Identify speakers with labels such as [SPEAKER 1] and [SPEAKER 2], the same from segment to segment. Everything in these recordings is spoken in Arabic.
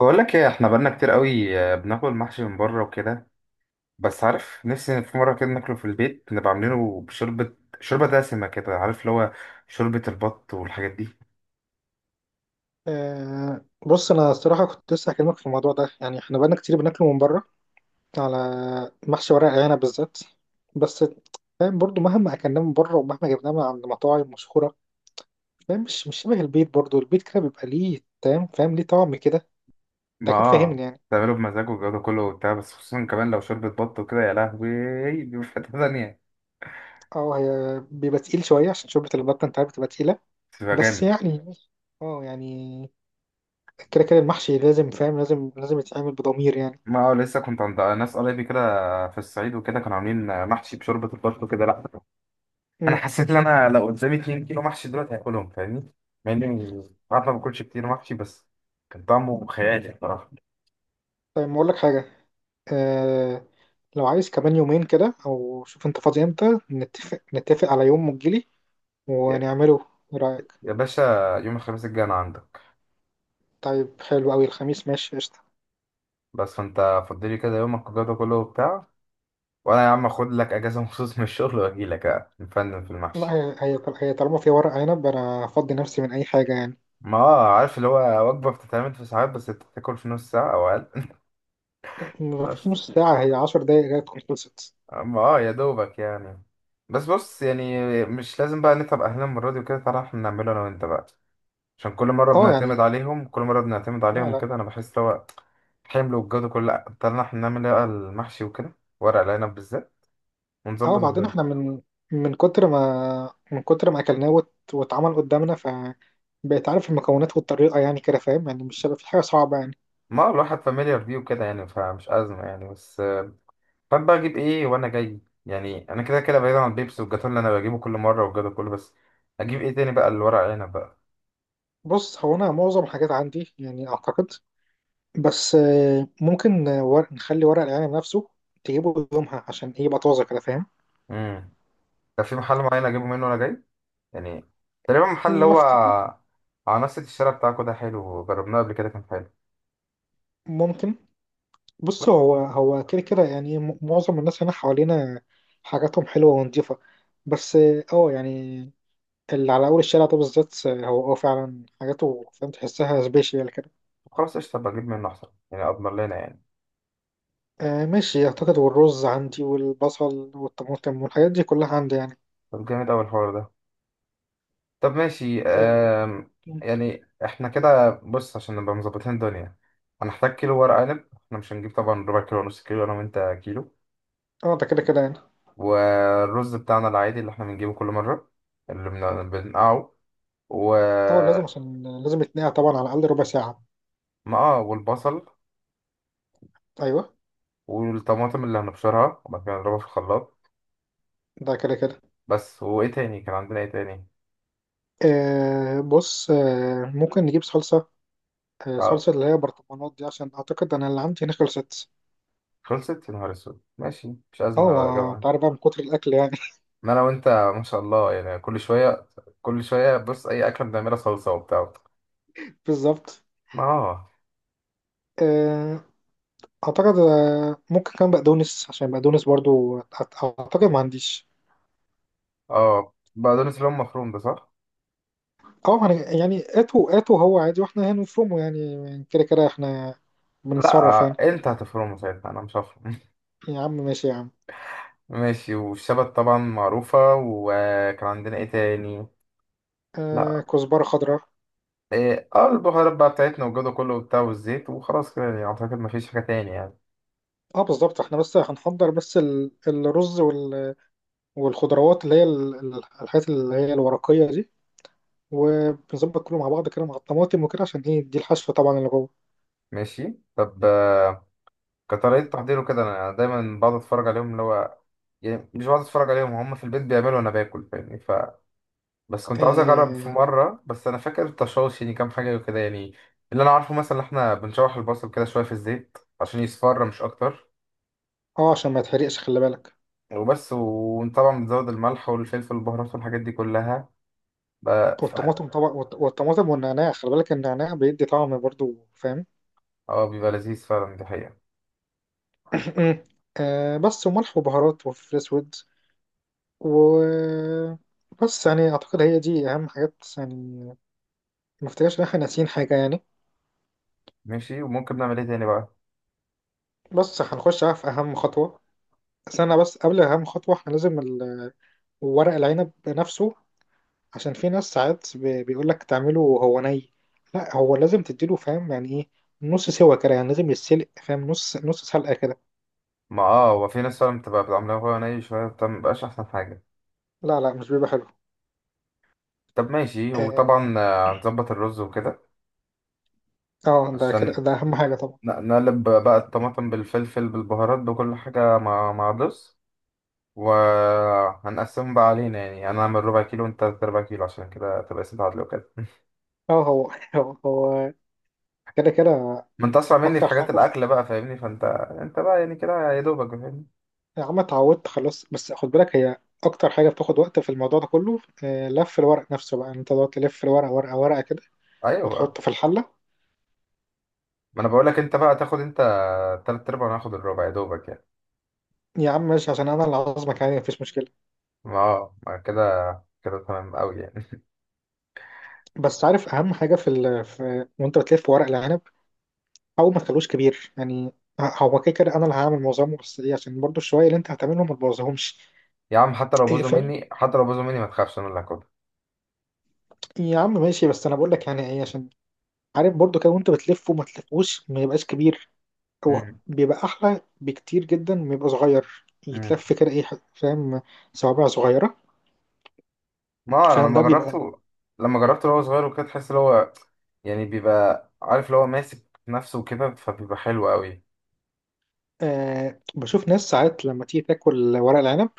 [SPEAKER 1] بقول لك ايه احنا بقالنا كتير قوي آه، بناكل محشي من بره وكده. بس عارف نفسي في مره كده ناكله في البيت نبقى عاملينه بشوربه شوربه دسمه كده عارف اللي هو شوربه البط والحاجات دي.
[SPEAKER 2] بص انا الصراحه كنت لسه هكلمك في الموضوع ده يعني، احنا بقالنا كتير بناكله من بره، على محشي ورق عنب بالذات. بس فاهم، برضو مهما اكلناه من بره ومهما جبناه من عند مطاعم مشهوره، فاهم، مش شبه البيت، برضو البيت كده بيبقى ليه، فاهم ليه طعم كده. انت
[SPEAKER 1] ما
[SPEAKER 2] اكيد
[SPEAKER 1] اه
[SPEAKER 2] فاهمني يعني.
[SPEAKER 1] تعمله بمزاج والجو ده كله وبتاع، بس خصوصا كمان لو شوربه بط وكده يا لهوي بيبقى في حته تانية.
[SPEAKER 2] اه، هي بيبقى تقيل شويه عشان شوربه البطه، انت عارف بتبقى تقيله.
[SPEAKER 1] بتبقى
[SPEAKER 2] بس
[SPEAKER 1] جامد.
[SPEAKER 2] يعني، اه يعني، كده كده المحشي لازم، فاهم، لازم يتعمل بضمير يعني.
[SPEAKER 1] ما اه لسه كنت عند ناس قرايبي كده في الصعيد وكده، كانوا عاملين محشي بشوربه البط وكده. لا انا
[SPEAKER 2] امم
[SPEAKER 1] حسيت ان انا لو قدامي 2 كيلو محشي دلوقتي هاكلهم فاهمني، مع اني عارف ما باكلش كتير محشي، بس كان طعمه خيالي بصراحه.
[SPEAKER 2] طيب، ما اقول لك حاجه. آه لو عايز كمان يومين كده، او شوف انت فاضي امتى، نتفق على يوم وتجيلي
[SPEAKER 1] يا
[SPEAKER 2] ونعمله. ايه رأيك؟
[SPEAKER 1] يا باشا، يوم الخميس الجاي انا عندك.
[SPEAKER 2] طيب، حلو قوي، الخميس ماشي، قشطة.
[SPEAKER 1] بس فانت فضلي كده يومك والجو ده كله وبتاع، وانا يا عم اخد لك اجازه مخصوص من الشغل واجي لك نفنن في
[SPEAKER 2] لا،
[SPEAKER 1] المحشي.
[SPEAKER 2] هي طالما في ورق عنب انا افضي نفسي من اي حاجة يعني.
[SPEAKER 1] ما اه عارف اللي هو وجبه بتتعمل في ساعات بس انت بتاكل في نص ساعه او اقل بس
[SPEAKER 2] مفيش نص ساعة، هي 10 دقايق جاية تكون خلصت.
[SPEAKER 1] ما اه يا دوبك يعني. بس بص يعني مش لازم بقى نتعب اهلنا المره دي وكده، تعالى احنا نعمله انا وانت بقى. عشان كل مرة
[SPEAKER 2] اه
[SPEAKER 1] بنعتمد
[SPEAKER 2] يعني.
[SPEAKER 1] عليهم كل مرة بنعتمد
[SPEAKER 2] لا،
[SPEAKER 1] عليهم
[SPEAKER 2] لا.
[SPEAKER 1] وكده، أنا بحس لو حمل والجو ده كله لأ، طلعنا احنا نعمل إيه بقى المحشي وكده، ورق العنب بالذات، ونظبط
[SPEAKER 2] اه. بعدين احنا
[SPEAKER 1] الدنيا.
[SPEAKER 2] من كتر ما اكلناه واتعمل قدامنا، ف بقيت عارف المكونات والطريقة يعني، كده فاهم، يعني مش هيبقى في حاجة صعبة يعني.
[SPEAKER 1] ما الواحد فاميليار بيه وكده يعني فمش أزمة يعني. بس فاهم بقى أجيب إيه وأنا جاي. يعني أنا كده كده بعيد عن البيبسي والجاتون اللي أنا بجيبه كل مرة والجو ده كله، بس أجيب إيه تاني بقى الورق العنب بقى.
[SPEAKER 2] بص، هو انا معظم الحاجات عندي يعني اعتقد. بس ممكن ورق، نخلي ورق العنب نفسه تجيبه يومها، عشان ايه، يبقى طازه كده، فاهم؟
[SPEAKER 1] امم، ده في محل معين أجيبه منه وأنا جاي يعني، تقريبا محل اللي
[SPEAKER 2] ما
[SPEAKER 1] هو
[SPEAKER 2] افتكر،
[SPEAKER 1] على نفس الشارع بتاعكوا ده، حلو جربناه قبل كده كان حلو.
[SPEAKER 2] ممكن. بص، هو هو كده كده يعني، معظم الناس هنا حوالينا حاجاتهم حلوه ونضيفه، بس اه يعني، اللي على اول الشارع ده بالذات، هو اه فعلا حاجاته فاهم، تحسها سبيشال كده.
[SPEAKER 1] خلاص قشطة بجيب منه أحسن يعني، أضمن لنا يعني.
[SPEAKER 2] آه ماشي، اعتقد. والرز عندي والبصل والطماطم والحاجات دي كلها عندي يعني.
[SPEAKER 1] طب جامد أوي الحوار ده. طب ماشي.
[SPEAKER 2] اه
[SPEAKER 1] يعني احنا كده بص عشان نبقى مظبطين الدنيا هنحتاج كيلو ورق عنب، احنا مش هنجيب طبعا ربع كيلو ونص كيلو، انا وانت كيلو.
[SPEAKER 2] ده كده كده يعني.
[SPEAKER 1] والرز بتاعنا العادي اللي احنا بنجيبه كل مرة اللي بنقعه و...
[SPEAKER 2] اه لازم، عشان لازم يتنقع طبعا على الاقل ربع ساعه.
[SPEAKER 1] ما اه والبصل
[SPEAKER 2] ايوه.
[SPEAKER 1] والطماطم اللي هنبشرها وبعد كده نضربها في الخلاط.
[SPEAKER 2] ده كده كده.
[SPEAKER 1] بس وايه تاني، كان عندنا ايه تاني؟
[SPEAKER 2] بص، ممكن نجيب صلصة، آه
[SPEAKER 1] اه،
[SPEAKER 2] صلصة اللي هي برطمانات دي، عشان أعتقد أنا اللي عندي هنا خلصت.
[SPEAKER 1] خلصت يا نهار اسود. ماشي مش أزمة
[SPEAKER 2] اه،
[SPEAKER 1] هبقى
[SPEAKER 2] ما
[SPEAKER 1] أجيبها.
[SPEAKER 2] أنت عارف بقى من كتر الأكل يعني.
[SPEAKER 1] ان انا وانت ما شاء الله يعني، كل شويه كل شويه بص اي اكله بنعملها صلصه وبتاع.
[SPEAKER 2] بالظبط.
[SPEAKER 1] ما اه
[SPEAKER 2] آه، أعتقد ممكن كمان بقدونس، عشان بقدونس برضو أعتقد ما عنديش.
[SPEAKER 1] اه، بقدونس اللي هو مفروم ده صح.
[SPEAKER 2] اه، ما أنا- يعني، هاتوا، هو عادي واحنا هنفرمه يعني، كده كده احنا
[SPEAKER 1] لا
[SPEAKER 2] بنتصرف يعني.
[SPEAKER 1] انت هتفرمه ساعتها انا مش هفرم.
[SPEAKER 2] يا عم ماشي يا عم.
[SPEAKER 1] ماشي، والشبت طبعا معروفه. وكان عندنا ايه تاني؟
[SPEAKER 2] آه،
[SPEAKER 1] لا،
[SPEAKER 2] كزبرة خضراء.
[SPEAKER 1] ايه اه البهارات بقى بتاعتنا والجو ده كله وبتاع، والزيت، وخلاص كده يعني اعتقد ما فيش حاجه تاني يعني.
[SPEAKER 2] اه بالظبط، احنا بس هنحضر، بس الرز والخضروات اللي هي الحاجات اللي هي الورقية دي، وبنظبط كله مع بعض كده مع الطماطم وكده، عشان ايه، دي الحشوة طبعا اللي جوه.
[SPEAKER 1] ماشي طب كطريقه تحضيره كده انا دايما بقعد اتفرج عليهم اللي هو، يعني مش بقعد اتفرج عليهم، هم في البيت بيعملوا وانا باكل فاهمني. ف بس كنت عاوز اجرب في
[SPEAKER 2] اه
[SPEAKER 1] مره، بس انا فاكر التشوش يعني كام حاجه وكده يعني. اللي انا عارفه مثلا إن احنا بنشوح البصل كده شويه في الزيت عشان يصفر مش اكتر.
[SPEAKER 2] عشان ما يتحرقش، خلي بالك.
[SPEAKER 1] وبس، وطبعا بنزود الملح والفلفل والبهارات والحاجات دي كلها بقى ف...
[SPEAKER 2] والطماطم طبعا، والطماطم والنعناع، خلي بالك النعناع بيدي طعم برضو، فاهم؟
[SPEAKER 1] اه بيبقى لذيذ فعلا دي حقيقه.
[SPEAKER 2] آه بس، وملح وبهارات وفلفل اسود، و، بس يعني اعتقد هي دي اهم حاجات يعني. ما افتكرش ان احنا ناسيين حاجه يعني.
[SPEAKER 1] ماشي، وممكن نعمل ايه تاني بقى؟
[SPEAKER 2] بس هنخش بقى في اهم خطوه. استنى بس، قبل اهم خطوه، احنا لازم ورق العنب نفسه، عشان في ناس ساعات بيقولك تعمله وهو ني. لا، هو لازم تديله، فاهم يعني ايه، نص سوا كده يعني، لازم يتسلق فاهم، نص سلقة كده.
[SPEAKER 1] ما اه هو في ناس فعلا بتبقى بتعملها وهو ني شويه، بتبقى مبقاش احسن حاجه.
[SPEAKER 2] لا، لا، مش بيبقى حلو.
[SPEAKER 1] طب ماشي،
[SPEAKER 2] اه
[SPEAKER 1] وطبعا هنظبط الرز وكده
[SPEAKER 2] ده كده
[SPEAKER 1] عشان
[SPEAKER 2] ده اهم حاجة طبعا.
[SPEAKER 1] نقلب بقى الطماطم بالفلفل بالبهارات بكل حاجه مع مع الرز. وهنقسمهم بقى علينا يعني، انا اعمل ربع كيلو وانت تلات ارباع كيلو، عشان كده تبقى اسم تعادل وكده.
[SPEAKER 2] اه، هو هو كده كده.
[SPEAKER 1] ما انت اسرع مني في
[SPEAKER 2] اكتر
[SPEAKER 1] حاجات
[SPEAKER 2] حاجة.
[SPEAKER 1] الاكل بقى فاهمني، فانت انت بقى يعني كده يا دوبك فاهمني.
[SPEAKER 2] يا عم اتعودت خلاص، بس خد بالك، هي اكتر حاجة بتاخد وقت في الموضوع ده كله لف الورق نفسه، بقى انت تقعد تلف الورق ورقة ورقة كده
[SPEAKER 1] ايوه بقى،
[SPEAKER 2] وتحطه في الحلة.
[SPEAKER 1] ما انا بقول لك انت بقى تاخد انت تلات ارباع وانا هاخد الربع يا دوبك يعني.
[SPEAKER 2] يا عم ماشي، عشان انا اللي عازمك يعني مفيش مشكلة.
[SPEAKER 1] ما كده كده تمام قوي يعني.
[SPEAKER 2] بس عارف اهم حاجة في، وانت بتلف ورق العنب، او ما تخلوش كبير يعني. هو كده كده انا اللي هعمل معظمه، بس ليه، عشان برضو الشوية اللي انت هتعملهم ما تبوظهمش.
[SPEAKER 1] يا عم حتى لو
[SPEAKER 2] إيه
[SPEAKER 1] بوظوا
[SPEAKER 2] فاهم.
[SPEAKER 1] مني حتى لو بوظوا مني ما تخافش انا اللي هاخدها.
[SPEAKER 2] يا عم ماشي، بس انا بقول لك يعني ايه، عشان عارف برضو كده وانت بتلف، وما تلفوش ما يبقاش كبير، هو
[SPEAKER 1] مم.
[SPEAKER 2] بيبقى احلى بكتير جدا ما يبقى صغير
[SPEAKER 1] مم.
[SPEAKER 2] يتلف كده، ايه فاهم، صوابع صغيرة
[SPEAKER 1] ما آه، انا
[SPEAKER 2] فاهم،
[SPEAKER 1] لما
[SPEAKER 2] ده بيبقى.
[SPEAKER 1] جربته، وهو صغير وكده تحس ان هو يعني بيبقى عارف اللي هو ماسك نفسه وكده فبيبقى حلو قوي.
[SPEAKER 2] آه، بشوف ناس ساعات لما تيجي تاكل ورق العنب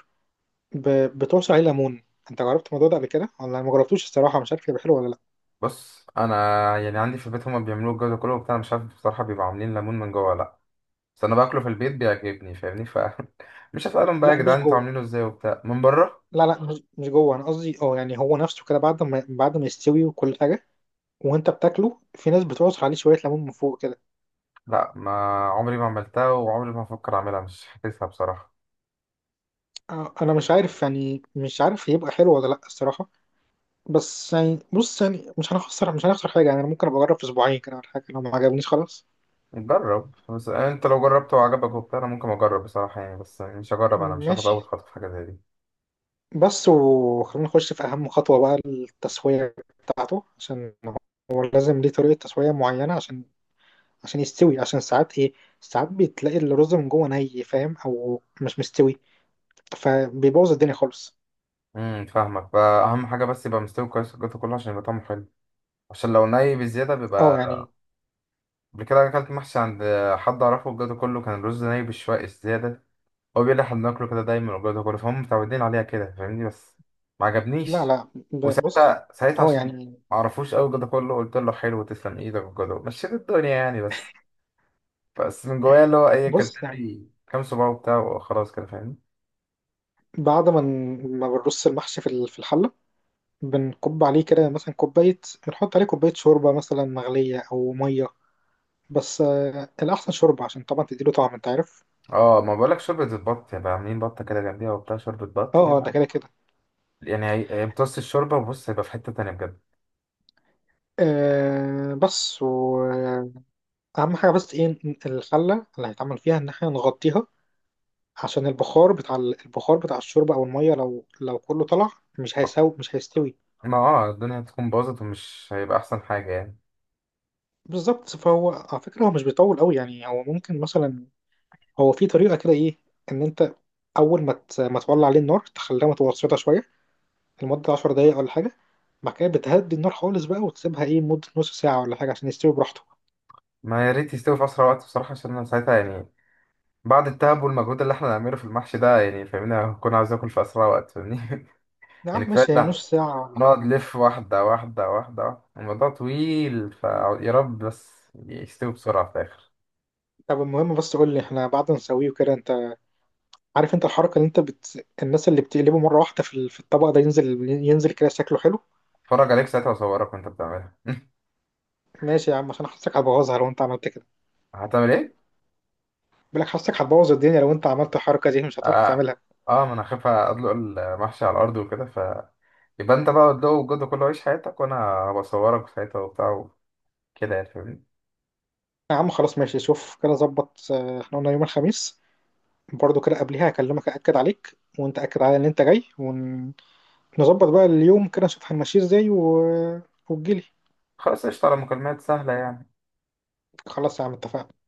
[SPEAKER 2] بتعصر عليه ليمون، انت جربت الموضوع ده قبل كده ولا ما جربتوش؟ الصراحة مش عارف يبقى حلو ولا لا.
[SPEAKER 1] بص انا يعني عندي في البيت هما بيعملوه الجو ده كله وبتاع، أنا مش عارف بصراحه بيبقوا عاملين ليمون من جوه ولا لا. بس انا باكله في البيت بيعجبني فاهمني. ف مش هسالهم بقى يا
[SPEAKER 2] لا، مش
[SPEAKER 1] جدعان انتوا
[SPEAKER 2] جوه.
[SPEAKER 1] عاملينه ازاي وبتاع من بره.
[SPEAKER 2] لا، لا، مش جوه، انا قصدي اه يعني هو نفسه كده، بعد ما يستوي وكل حاجه وانت بتاكله، في ناس بتعصر عليه شويه ليمون من فوق كده.
[SPEAKER 1] لا ما عمري ما عملتها وعمري ما هفكر اعملها، مش حاسسها بصراحه.
[SPEAKER 2] آه، انا مش عارف يعني، مش عارف هيبقى حلو ولا لا الصراحه، بس يعني بص يعني، مش هنخسر حاجه يعني، انا ممكن ابقى اجرب في اسبوعين كده ولا حاجه، لو ما عجبنيش خلاص.
[SPEAKER 1] نجرب بس، انت لو جربته وعجبك وبتاع انا ممكن اجرب بصراحه يعني، بس مش هجرب انا مش هاخد اول
[SPEAKER 2] ماشي،
[SPEAKER 1] خطوه في حاجه زي دي.
[SPEAKER 2] بس، وخلينا نخش في اهم خطوه بقى، التسويه بتاعته. عشان هو لازم ليه طريقه تسويه معينه عشان يستوي، عشان ساعات ايه، ساعات بتلاقي الرز من جوه ني فاهم، او مش مستوي، فبيبوظ الدنيا خالص.
[SPEAKER 1] امم، فاهمك. فاهم حاجه بس يبقى مستوي كويس الجو ده كله عشان يبقى طعمه حلو، عشان لو ني بزياده
[SPEAKER 2] اه
[SPEAKER 1] بيبقى...
[SPEAKER 2] يعني.
[SPEAKER 1] قبل كده أكلت محشي عند حد أعرفه وجاته كله كان الرز نايم بالشوائق الزيادة. هو بيقول لي إحنا بناكله كده دايما وجاته كله، فهم متعودين عليها كده فاهمني، بس ما
[SPEAKER 2] لا،
[SPEAKER 1] عجبنيش.
[SPEAKER 2] لا، بص.
[SPEAKER 1] وساعتها
[SPEAKER 2] اه
[SPEAKER 1] عشان
[SPEAKER 2] يعني،
[SPEAKER 1] ما أعرفوش أوي جاته كله قلت له حلو تسلم إيدك وجاته، مشيت الدنيا يعني، بس بس من جوايا اللي هو إيه كلت
[SPEAKER 2] بص يعني،
[SPEAKER 1] لي كام صباع وبتاع وخلاص كده فاهمني.
[SPEAKER 2] بعد ما ما بنرص المحشي في في الحلة، بنكب عليه كده مثلا كوباية، بنحط عليه كوباية شوربة مثلا مغلية أو مية، بس آه الأحسن شوربة، عشان طبعا تديله طعم أنت عارف.
[SPEAKER 1] اه ما بقولك شوربة البط، يبقى عاملين بطة كده جنبيها وبتاع، شوربة بط
[SPEAKER 2] اه اه، ده
[SPEAKER 1] يعني.
[SPEAKER 2] كده كده.
[SPEAKER 1] يعني هيمتص الشوربة وبص هيبقى في حتة تانية بجد.
[SPEAKER 2] آه بس، وأهم حاجة بس إيه، الحلة اللي هيتعمل فيها، إن احنا نغطيها، عشان البخار بتاع البخار بتاع الشوربة أو المية، لو كله طلع مش
[SPEAKER 1] ما
[SPEAKER 2] هيساوي، مش هيستوي.
[SPEAKER 1] ما الدنيا هتكون باظت ومش هيبقى أحسن حاجة يعني.
[SPEAKER 2] بالظبط، فهو على فكرة هو مش بيطول قوي يعني، هو ممكن مثلا، هو في طريقة كده ايه، ان انت اول ما ما تولع عليه النار، تخليها متوسطة شوية لمدة 10 دقايق ولا حاجة، بعد كده بتهدي النار خالص بقى وتسيبها ايه مدة نص ساعة ولا حاجة، عشان يستوي براحته.
[SPEAKER 1] ما يا ريت يستوي في اسرع وقت بصراحه، عشان انا ساعتها يعني بعد التعب والمجهود اللي احنا هنعمله في المحشي ده يعني فاهمني، هكون عايز اكل في اسرع وقت فاهمني
[SPEAKER 2] يا
[SPEAKER 1] يعني
[SPEAKER 2] عم
[SPEAKER 1] كفايه
[SPEAKER 2] ماشي، هي
[SPEAKER 1] لا
[SPEAKER 2] نص ساعة ولا
[SPEAKER 1] نقعد
[SPEAKER 2] حاجة.
[SPEAKER 1] نلف واحده واحده واحده واحدة. الموضوع طويل، فيا رب بس يستوي بسرعه في الاخر.
[SPEAKER 2] طب المهم، بس قول لي احنا بعد ما نسويه وكده، انت عارف انت الحركة اللي انت الناس اللي بتقلبه مرة واحدة في في الطبق، ده ينزل ينزل كده شكله حلو.
[SPEAKER 1] اتفرج عليك ساعتها واصورك وانت بتعملها.
[SPEAKER 2] ماشي يا عم، عشان حاسك هتبوظها لو انت عملت كده.
[SPEAKER 1] هتعمل ايه؟
[SPEAKER 2] بقول لك حاسك هتبوظ الدنيا لو انت عملت الحركة دي، مش هتعرف
[SPEAKER 1] اه,
[SPEAKER 2] تعملها.
[SPEAKER 1] ما انا خايف ادلق المحشي على الارض وكده، ف يبقى انت بقى ادلقه وجده كله عيش حياتك وانا هبقى اصورك ساعتها وبتاع وكده يعني فاهمني.
[SPEAKER 2] يا عم خلاص ماشي، شوف كده ظبط. احنا قلنا يوم الخميس، برضو كده قبلها هكلمك أأكد عليك، وانت أكد على ان انت جاي ونظبط بقى اليوم كده، نشوف هنمشيه ازاي، وتجيلي.
[SPEAKER 1] خلاص قشطة، على مكالمات سهلة يعني.
[SPEAKER 2] خلاص يا عم، اتفقنا.